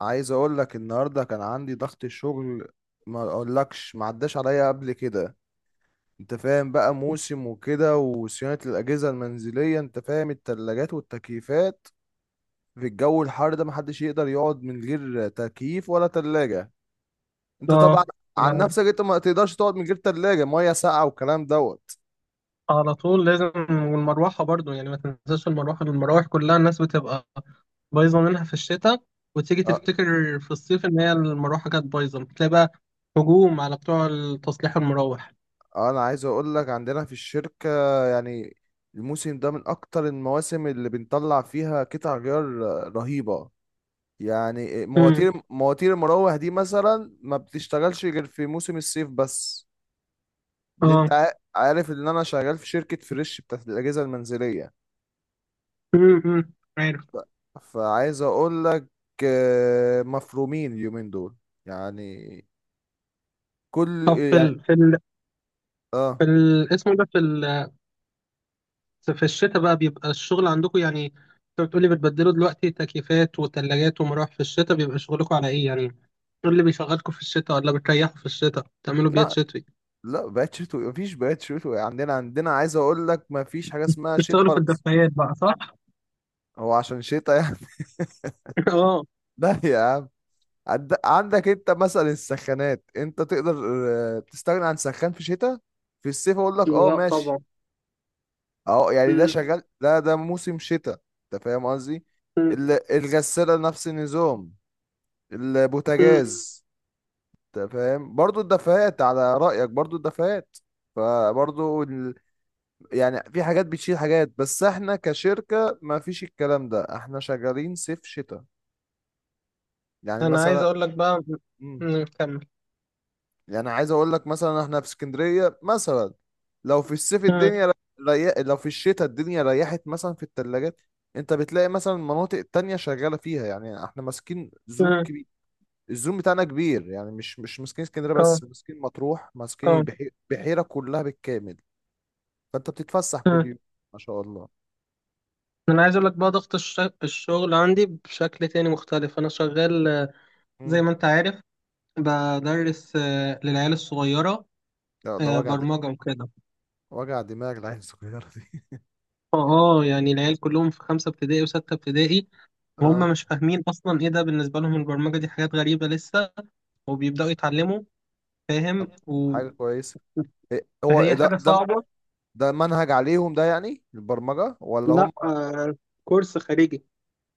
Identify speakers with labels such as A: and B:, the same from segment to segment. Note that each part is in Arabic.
A: عايز اقول لك النهارده كان عندي ضغط الشغل، ما اقولكش ما عداش عليا قبل كده. انت فاهم بقى موسم وكده وصيانه الاجهزه المنزليه، انت فاهم التلاجات والتكييفات. في الجو الحار ده محدش يقدر يقعد من غير تكييف ولا تلاجه. انت طبعا
B: اه
A: عن
B: ما-
A: نفسك انت ما تقدرش تقعد من غير تلاجه ميه ساقعه والكلام دوت.
B: على طول لازم والمروحة برضو يعني ما تنساش المروحة المراوح كلها الناس بتبقى بايظة منها في الشتاء، وتيجي
A: أ-
B: تفتكر في الصيف ان هي المروحة كانت بايظة بتلاقي بقى هجوم على بتوع تصليح المراوح.
A: انا عايز اقول لك عندنا في الشركه، يعني الموسم ده من اكتر المواسم اللي بنطلع فيها قطع غيار رهيبه. يعني
B: امم
A: مواتير المراوح دي مثلا ما بتشتغلش غير في موسم الصيف بس.
B: اه.
A: عارف ان انا شغال في شركة فريش بتاعت الاجهزة المنزلية.
B: أمم. عارف.
A: فعايز اقول لك مفرومين اليومين دول. يعني كل،
B: طب في
A: يعني
B: ال... في ال... في
A: اه،
B: ال... اسمه ده في ال... في الشتاء بقى بيبقى الشغل عندكم يعني، انت بتقولي بتبدلوا دلوقتي تكييفات وتلاجات ومراوح، في الشتاء بيبقى شغلكم على ايه؟ يعني ايه اللي بيشغلكم في الشتاء، ولا بتريحوا في الشتاء بتعملوا بيات
A: لا.
B: شتوي؟
A: لا بقت شتوي، مفيش بقت شتوي عندنا. عندنا عايز اقول لك مفيش حاجة اسمها شتاء
B: بيشتغلوا في
A: ولا صيف.
B: الدفايات بقى صح؟
A: هو عشان شتاء يعني.
B: اه.
A: لا يا عم. عندك انت مثلا السخانات، انت تقدر تستغنى عن سخان في شتاء. في الصيف اقول لك اه
B: لا
A: ماشي.
B: طبعا.
A: اه يعني ده
B: مم.
A: شغال، ده موسم شتاء. انت فاهم قصدي.
B: مم.
A: ال- الغسالة نفس النظام،
B: مم.
A: البوتاجاز. انت فاهم برضو الدفايات، على رأيك برضو الدفايات. فبرضو ال... يعني في حاجات بتشيل حاجات، بس احنا كشركة ما فيش الكلام ده، احنا شغالين صيف شتاء. يعني
B: انا عايز
A: مثلا،
B: اقول لك بقى. كمل.
A: يعني عايز اقول لك مثلا احنا في اسكندريه مثلا،
B: مم،
A: لو في الشتاء الدنيا ريحت مثلا في الثلاجات، انت بتلاقي مثلا المناطق التانية شغاله فيها. يعني احنا ماسكين زوم
B: مم،
A: كبير، الزوم بتاعنا كبير. يعني مش ماسكين اسكندريه
B: اه
A: بس، ماسكين مطروح، ماسكين
B: اه
A: البحيره كلها بالكامل. فانت بتتفسح كل
B: مم.
A: يوم، ما شاء الله.
B: انا عايز اقول لك بقى ضغط الشغل عندي بشكل تاني مختلف، انا شغال زي
A: مم.
B: ما انت عارف، بدرس للعيال الصغيرة
A: ده
B: برمجة وكده.
A: وجع دماغ العين الصغيره دي.
B: اه. يعني العيال كلهم في خمسة ابتدائي وستة ابتدائي، وهم
A: اه،
B: مش فاهمين اصلا ايه ده، بالنسبة لهم البرمجة دي حاجات غريبة لسه وبيبدأوا يتعلموا.
A: طب
B: فاهم
A: حاجه كويسه. هو
B: فهي
A: ده
B: حاجة
A: ده
B: صعبة.
A: ده منهج عليهم، ده يعني البرمجه ولا
B: لا
A: هم
B: كورس خارجي،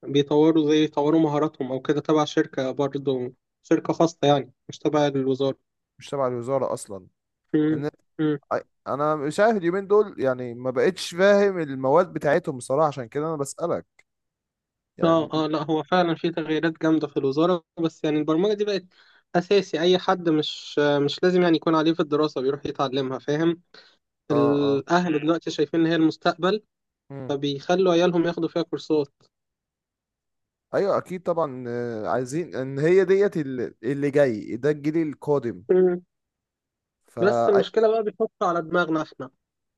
B: بيطوروا زي يطوروا مهاراتهم أو كده، تبع شركة برضه، شركة خاصة يعني مش تبع الوزارة.
A: مش تبع الوزارة أصلا؟
B: مم.
A: إن
B: مم.
A: أنا مش عارف اليومين دول، يعني ما بقتش فاهم المواد بتاعتهم بصراحة، عشان كده أنا بسألك
B: اه
A: يعني.
B: اه. لا هو فعلا في تغييرات جامدة في الوزارة، بس يعني البرمجة دي بقت أساسي، أي حد مش لازم يعني يكون عليه في الدراسة بيروح يتعلمها، فاهم.
A: آه.
B: الأهل دلوقتي شايفين إن هي المستقبل،
A: مم.
B: فبيخلوا عيالهم ياخدوا فيها كورسات.
A: أيوه أكيد طبعا، عايزين إن هي ديت اللي جاي ده الجيل القادم.
B: مم. بس
A: فا أي-
B: المشكلة بقى بيحطوا على دماغنا إحنا.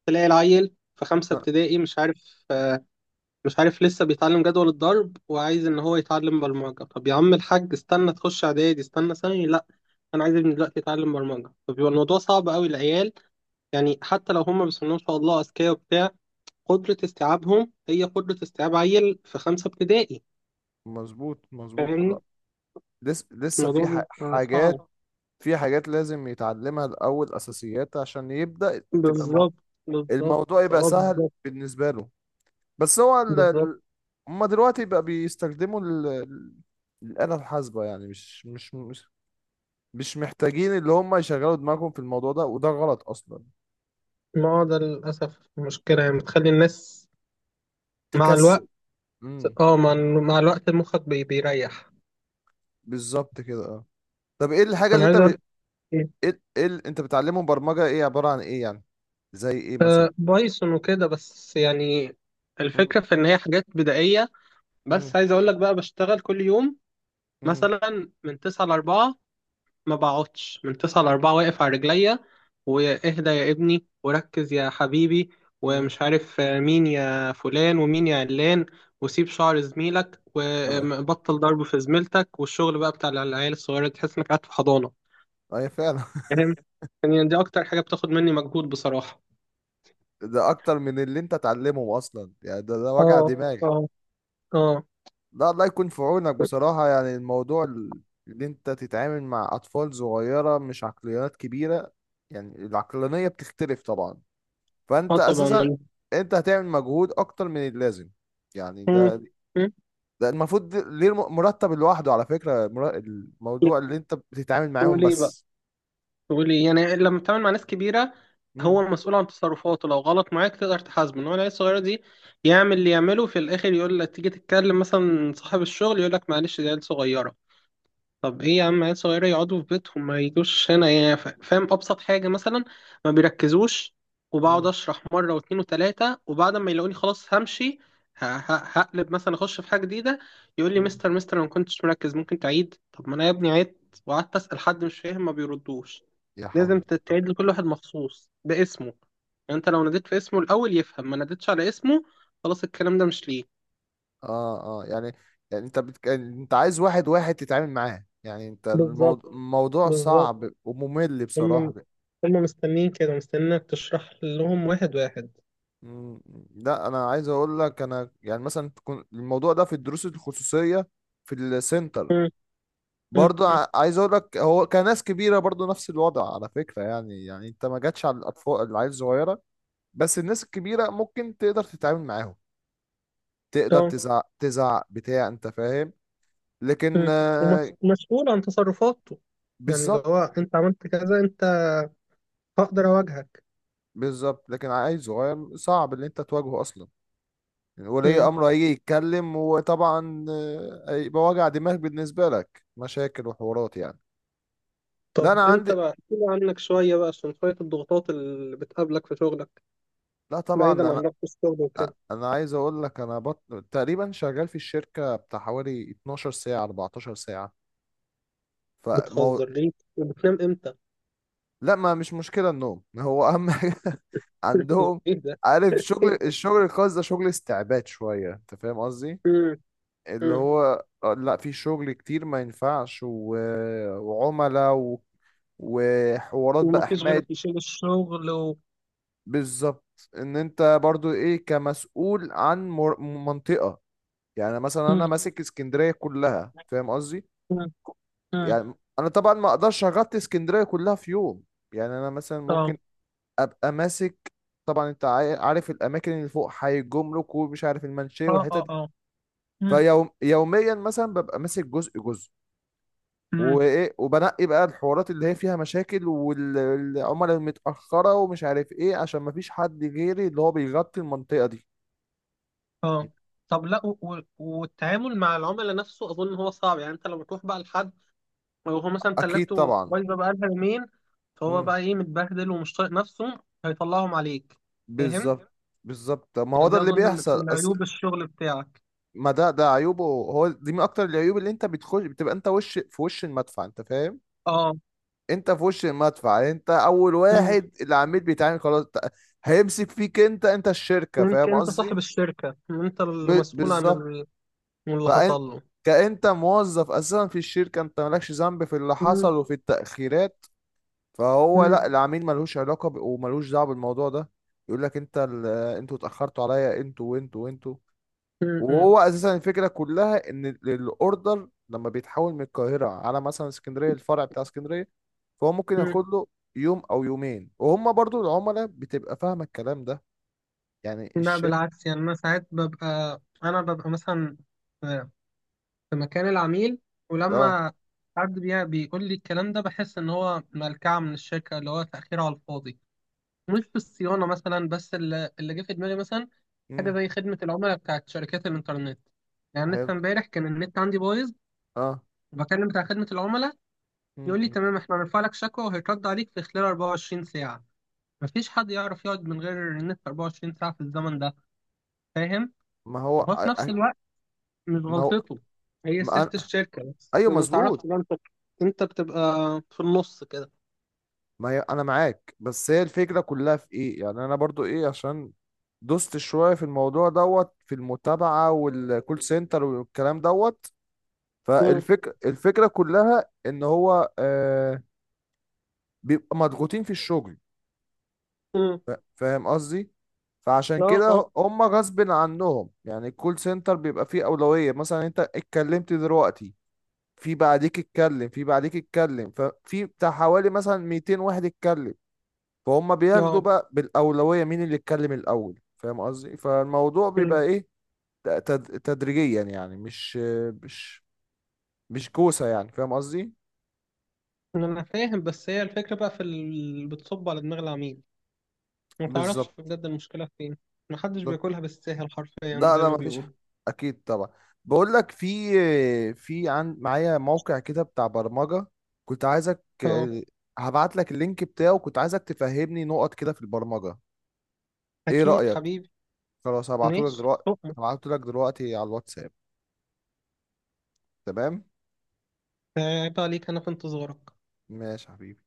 B: تلاقي العيل في خمسة
A: آه،
B: ابتدائي مش عارف، لسه بيتعلم جدول الضرب وعايز ان هو يتعلم برمجة. طب يا عم الحاج استنى تخش اعدادي، استنى ثانوي. لا، انا عايز ابني دلوقتي يتعلم برمجة. طب يبقى الموضوع صعب قوي العيال، يعني حتى لو هم بسم الله ما شاء الله اذكياء وبتاع، قدرة استيعابهم هي قدرة استيعاب عيل في خمسة ابتدائي.
A: مظبوط مظبوط
B: فاهمني،
A: آه. لسه في
B: الموضوع بيبقى
A: حاجات،
B: صعب.
A: في حاجات لازم يتعلمها الأول، أساسيات عشان يبدأ
B: بالظبط. بالظبط.
A: الموضوع يبقى
B: اه
A: سهل
B: بالظبط.
A: بالنسبة له. بس هو ال...
B: بالظبط.
A: ال- هما دلوقتي بقى بيستخدموا الآلة الحاسبة. يعني مش مش محتاجين اللي هما يشغلوا دماغهم في الموضوع ده، وده غلط أصلا.
B: ما هو ده للأسف مشكلة، يعني بتخلي الناس مع الوقت.
A: تكسل. امم،
B: اه، مع مع الوقت مخك بيريح.
A: بالظبط كده، اه. طب ايه الحاجة اللي
B: انا عايز اقول
A: إيه اللي انت بتعلمهم برمجة، ايه عبارة عن ايه يعني؟ زي ايه مثلا؟
B: بايثون وكده بس، يعني
A: امم
B: الفكرة في إن هي حاجات بدائية. بس
A: امم
B: عايز أقول لك بقى، بشتغل كل يوم
A: امم
B: مثلا من تسعة لأربعة. ما بقعدش من تسعة لأربعة واقف على رجليا، وإهدى يا ابني وركز يا حبيبي،
A: امم
B: ومش عارف آه، مين يا فلان ومين يا علان، وسيب شعر زميلك وبطل ضرب في زميلتك، والشغل بقى بتاع العيال الصغيرة دي، تحس إنك قاعد في حضانة.
A: ايوه فعلا.
B: فاهم؟ يعني دي أكتر حاجة بتاخد مني مجهود بصراحة.
A: ده اكتر من اللي انت تعلمه اصلا، يعني ده وجع
B: اه
A: دماغ.
B: اه اه.
A: لا الله يكون في عونك بصراحة. يعني اللي انت تتعامل مع أطفال صغيرة مش عقليات كبيرة، يعني العقلانية بتختلف طبعا.
B: اه
A: فانت أساسا
B: طبعا.
A: انت هتعمل مجهود أكتر من اللازم. يعني
B: مم.
A: ده
B: مم.
A: ده المفروض مرتب لوحده على فكرة، الموضوع اللي انت بتتعامل معاهم
B: تقولي بقى،
A: بس.
B: تقولي يعني لما بتتعامل مع ناس كبيرة،
A: مم.
B: هو مسؤول عن تصرفاته، لو غلط معاك تقدر تحاسبه. انما العيال الصغيرة دي، يعمل اللي يعمله في الآخر يقول لك تيجي تتكلم مثلا صاحب الشغل يقول لك معلش دي عيال صغيرة. طب ايه يا عم عيال صغيرة، يقعدوا في بيتهم ما يجوش هنا يعني. فاهم، ابسط حاجة مثلا ما بيركزوش، وبقعد
A: مم.
B: اشرح مرة واتنين وتلاتة، وبعد ما يلاقوني خلاص همشي، هقلب مثلا اخش في حاجة جديدة، يقول لي
A: مم.
B: مستر مستر انا ما كنتش مركز ممكن تعيد. طب ما انا يا ابني عدت وقعدت اسأل حد مش فاهم ما بيردوش.
A: يا
B: لازم
A: حول الله.
B: تعيد لكل واحد مخصوص باسمه يعني، انت لو ناديت في اسمه الاول يفهم ما ناديتش على اسمه، خلاص الكلام ده مش ليه.
A: اه اه يعني، يعني انت عايز واحد واحد تتعامل معاه. يعني انت
B: بالظبط.
A: الموضوع
B: بالظبط.
A: صعب وممل
B: هم
A: بصراحة.
B: هما مستنيين كده، مستنينك تشرح لهم واحد واحد.
A: مم. لا انا عايز اقول لك، انا يعني مثلا الموضوع ده في الدروس الخصوصيه، في السنتر،
B: مم.
A: برضه
B: مم.
A: عايز اقول لك هو كناس كبيره برضه نفس الوضع على فكره. يعني يعني انت ما جاتش على الاطفال العيال الصغيره، بس الناس الكبيره ممكن تقدر تتعامل معاهم. تقدر
B: اه.
A: تزعق، تزعق بتاع انت فاهم. لكن
B: مم. ومسؤول عن تصرفاته، يعني لو
A: بالظبط.
B: هو انت عملت كذا انت هقدر اواجهك.
A: بالظبط، لكن عيل صغير صعب ان انت تواجهه اصلا. ولي
B: مم.
A: امره هيجي يتكلم وطبعا هيبقى وجع دماغ بالنسبه لك، مشاكل وحوارات يعني. لا
B: طب
A: انا
B: انت
A: عندي،
B: بقى احكي لي عنك شوية بقى، عشان شوية الضغوطات اللي بتقابلك في شغلك،
A: لا طبعا
B: بعيدا
A: انا،
B: عن ضغط الشغل وكده.
A: انا عايز اقول لك انا بط... تقريبا شغال في الشركه بتاع حوالي 12 ساعه 14 ساعه. فمو...
B: بتهزر ليه؟ وبتنام امتى؟
A: لا، ما مش مشكله النوم. هو اهم حاجه. عندهم.
B: ايه ده؟
A: عارف،
B: ايه ده؟
A: الشغل الخاص ده شغل استعباد شويه، انت فاهم قصدي.
B: مم.
A: اللي
B: مم.
A: هو لا في شغل كتير ما ينفعش وعملاء وحوارات بقى
B: ومفيش غيرك
A: حماية.
B: يشيل الشغل و.
A: بالظبط، ان انت برضو ايه كمسؤول عن منطقة. يعني مثلا انا
B: مم.
A: ماسك اسكندريه كلها، فاهم قصدي.
B: مم. مم.
A: يعني انا طبعا ما اقدرش اغطي اسكندريه كلها في يوم. يعني انا مثلا
B: اه
A: ممكن ابقى ماسك، طبعا انت عارف الاماكن اللي فوق حي الجمرك، ومش عارف المنشيه
B: اه
A: والحتت
B: اه
A: دي.
B: اه. مم.
A: فيوم يوميا مثلا ببقى ماسك جزء،
B: مم.
A: وايه وبنقي بقى الحوارات اللي هي فيها مشاكل والعملاء المتاخره ومش عارف ايه، عشان ما فيش حد غيري اللي هو بيغطي المنطقه دي.
B: اه، طب لا والتعامل مع العملاء نفسه اظن هو صعب، يعني انت لما تروح بقى لحد وهو مثلا
A: اكيد
B: تلاجته
A: طبعا.
B: بايظه بقى لها يومين، فهو
A: امم.
B: بقى ايه متبهدل ومش طايق نفسه هيطلعهم عليك. فاهم؟
A: بالظبط. بالظبط، طب ما هو
B: يعني
A: ده
B: دي
A: اللي
B: اظن من
A: بيحصل
B: من عيوب الشغل بتاعك.
A: ما ده عيوبه. هو دي من اكتر العيوب، اللي انت بتخش بتبقى انت وش في وش المدفع، انت فاهم.
B: اه.
A: انت في وش المدفع، انت اول
B: مم.
A: واحد العميل بيتعامل. خلاص هيمسك فيك. انت انت الشركة،
B: انت
A: فاهم
B: انت صاحب
A: قصدي.
B: الشركه، انت اللي مسؤول عن
A: بالظبط.
B: عن اللي
A: فانت
B: حصل له.
A: كأنت موظف اساسا في الشركة، انت مالكش ذنب في اللي
B: مم.
A: حصل وفي التأخيرات. فهو لا،
B: مم.
A: العميل ملوش علاقة وملوش دعوة بالموضوع ده. يقول لك انتوا اتأخرتوا عليا، انتوا وانتوا وانتوا.
B: مم. مم.
A: وهو اساسا الفكره كلها ان الاوردر لما بيتحول من القاهره على مثلا اسكندريه، الفرع بتاع اسكندريه، فهو ممكن
B: مم.
A: ياخد له يوم او يومين. وهم برضو العملاء بتبقى فاهمه الكلام ده، يعني
B: لا
A: الشركه.
B: بالعكس، يعني انا ساعات ببقى انا ببقى مثلا في مكان العميل،
A: اه.
B: ولما حد بيقول لي الكلام ده بحس ان هو ملكعة من الشركة، اللي هو تأخير على الفاضي. مش في الصيانة مثلا بس، اللي جه في دماغي مثلا حاجة
A: امم.
B: زي خدمة العملاء بتاعت شركات الإنترنت. يعني
A: حلو،
B: لسه امبارح كان النت عندي بايظ،
A: اه.
B: وبكلم بتاع خدمة العملاء،
A: مم،
B: يقول لي
A: مم.
B: تمام احنا هنرفع لك شكوى وهيترد عليك في خلال 24 ساعة. مفيش حد يعرف يقعد من غير النت 24 ساعة في الزمن ده، فاهم؟
A: ما هو
B: وفي
A: أ-
B: نفس
A: أ-
B: الوقت مش
A: ما هو
B: غلطته، هي
A: ما
B: سياسة
A: أنا،
B: الشركة، بس
A: ايوه
B: ما تعرفش
A: مظبوط.
B: بقى انت. انت بتبقى في النص كده.
A: ما هي انا معاك، بس هي الفكره كلها في ايه؟ يعني انا برضو ايه، عشان دوست شويه في الموضوع دوت، في المتابعه والكول سنتر والكلام دوت.
B: مم.
A: فالفكرة كلها ان هو آه بيبقى مضغوطين في الشغل،
B: مم.
A: فاهم قصدي. فعشان
B: اه اه
A: كده هم غصب عنهم، يعني الكول سنتر بيبقى فيه أولوية. مثلا انت اتكلمت دلوقتي، في بعديك اتكلم، في بعديك اتكلم، ففي بتاع حوالي مثلا 200 واحد اتكلم. فهم بياخدوا
B: اه.
A: بقى بالأولوية مين اللي اتكلم الأول، فاهم قصدي. فالموضوع بيبقى
B: مم.
A: ايه، تدريجيا. يعني مش مش كوسة يعني، فاهم قصدي.
B: انا فاهم، بس هي الفكرة بقى في اللي بتصب على دماغ العميل، ما تعرفش
A: بالظبط.
B: بجد المشكلة فين. محدش بياكلها بالساهل حرفيا
A: لا
B: زي
A: لا
B: ما
A: مفيش
B: بيقولوا.
A: اكيد طبعا. بقول لك، في عن معايا موقع كده بتاع برمجة، كنت عايزك،
B: اه،
A: هبعت لك اللينك بتاعه، كنت عايزك تفهمني نقط كده في البرمجة. ايه
B: اكيد
A: رأيك؟
B: حبيبي.
A: خلاص هبعته لك
B: ماشي
A: دلوقتي،
B: طب.
A: هبعته لك دلوقتي على الواتساب. تمام.
B: عيب عليك، انا في انتظارك.
A: ماشي يا حبيبي.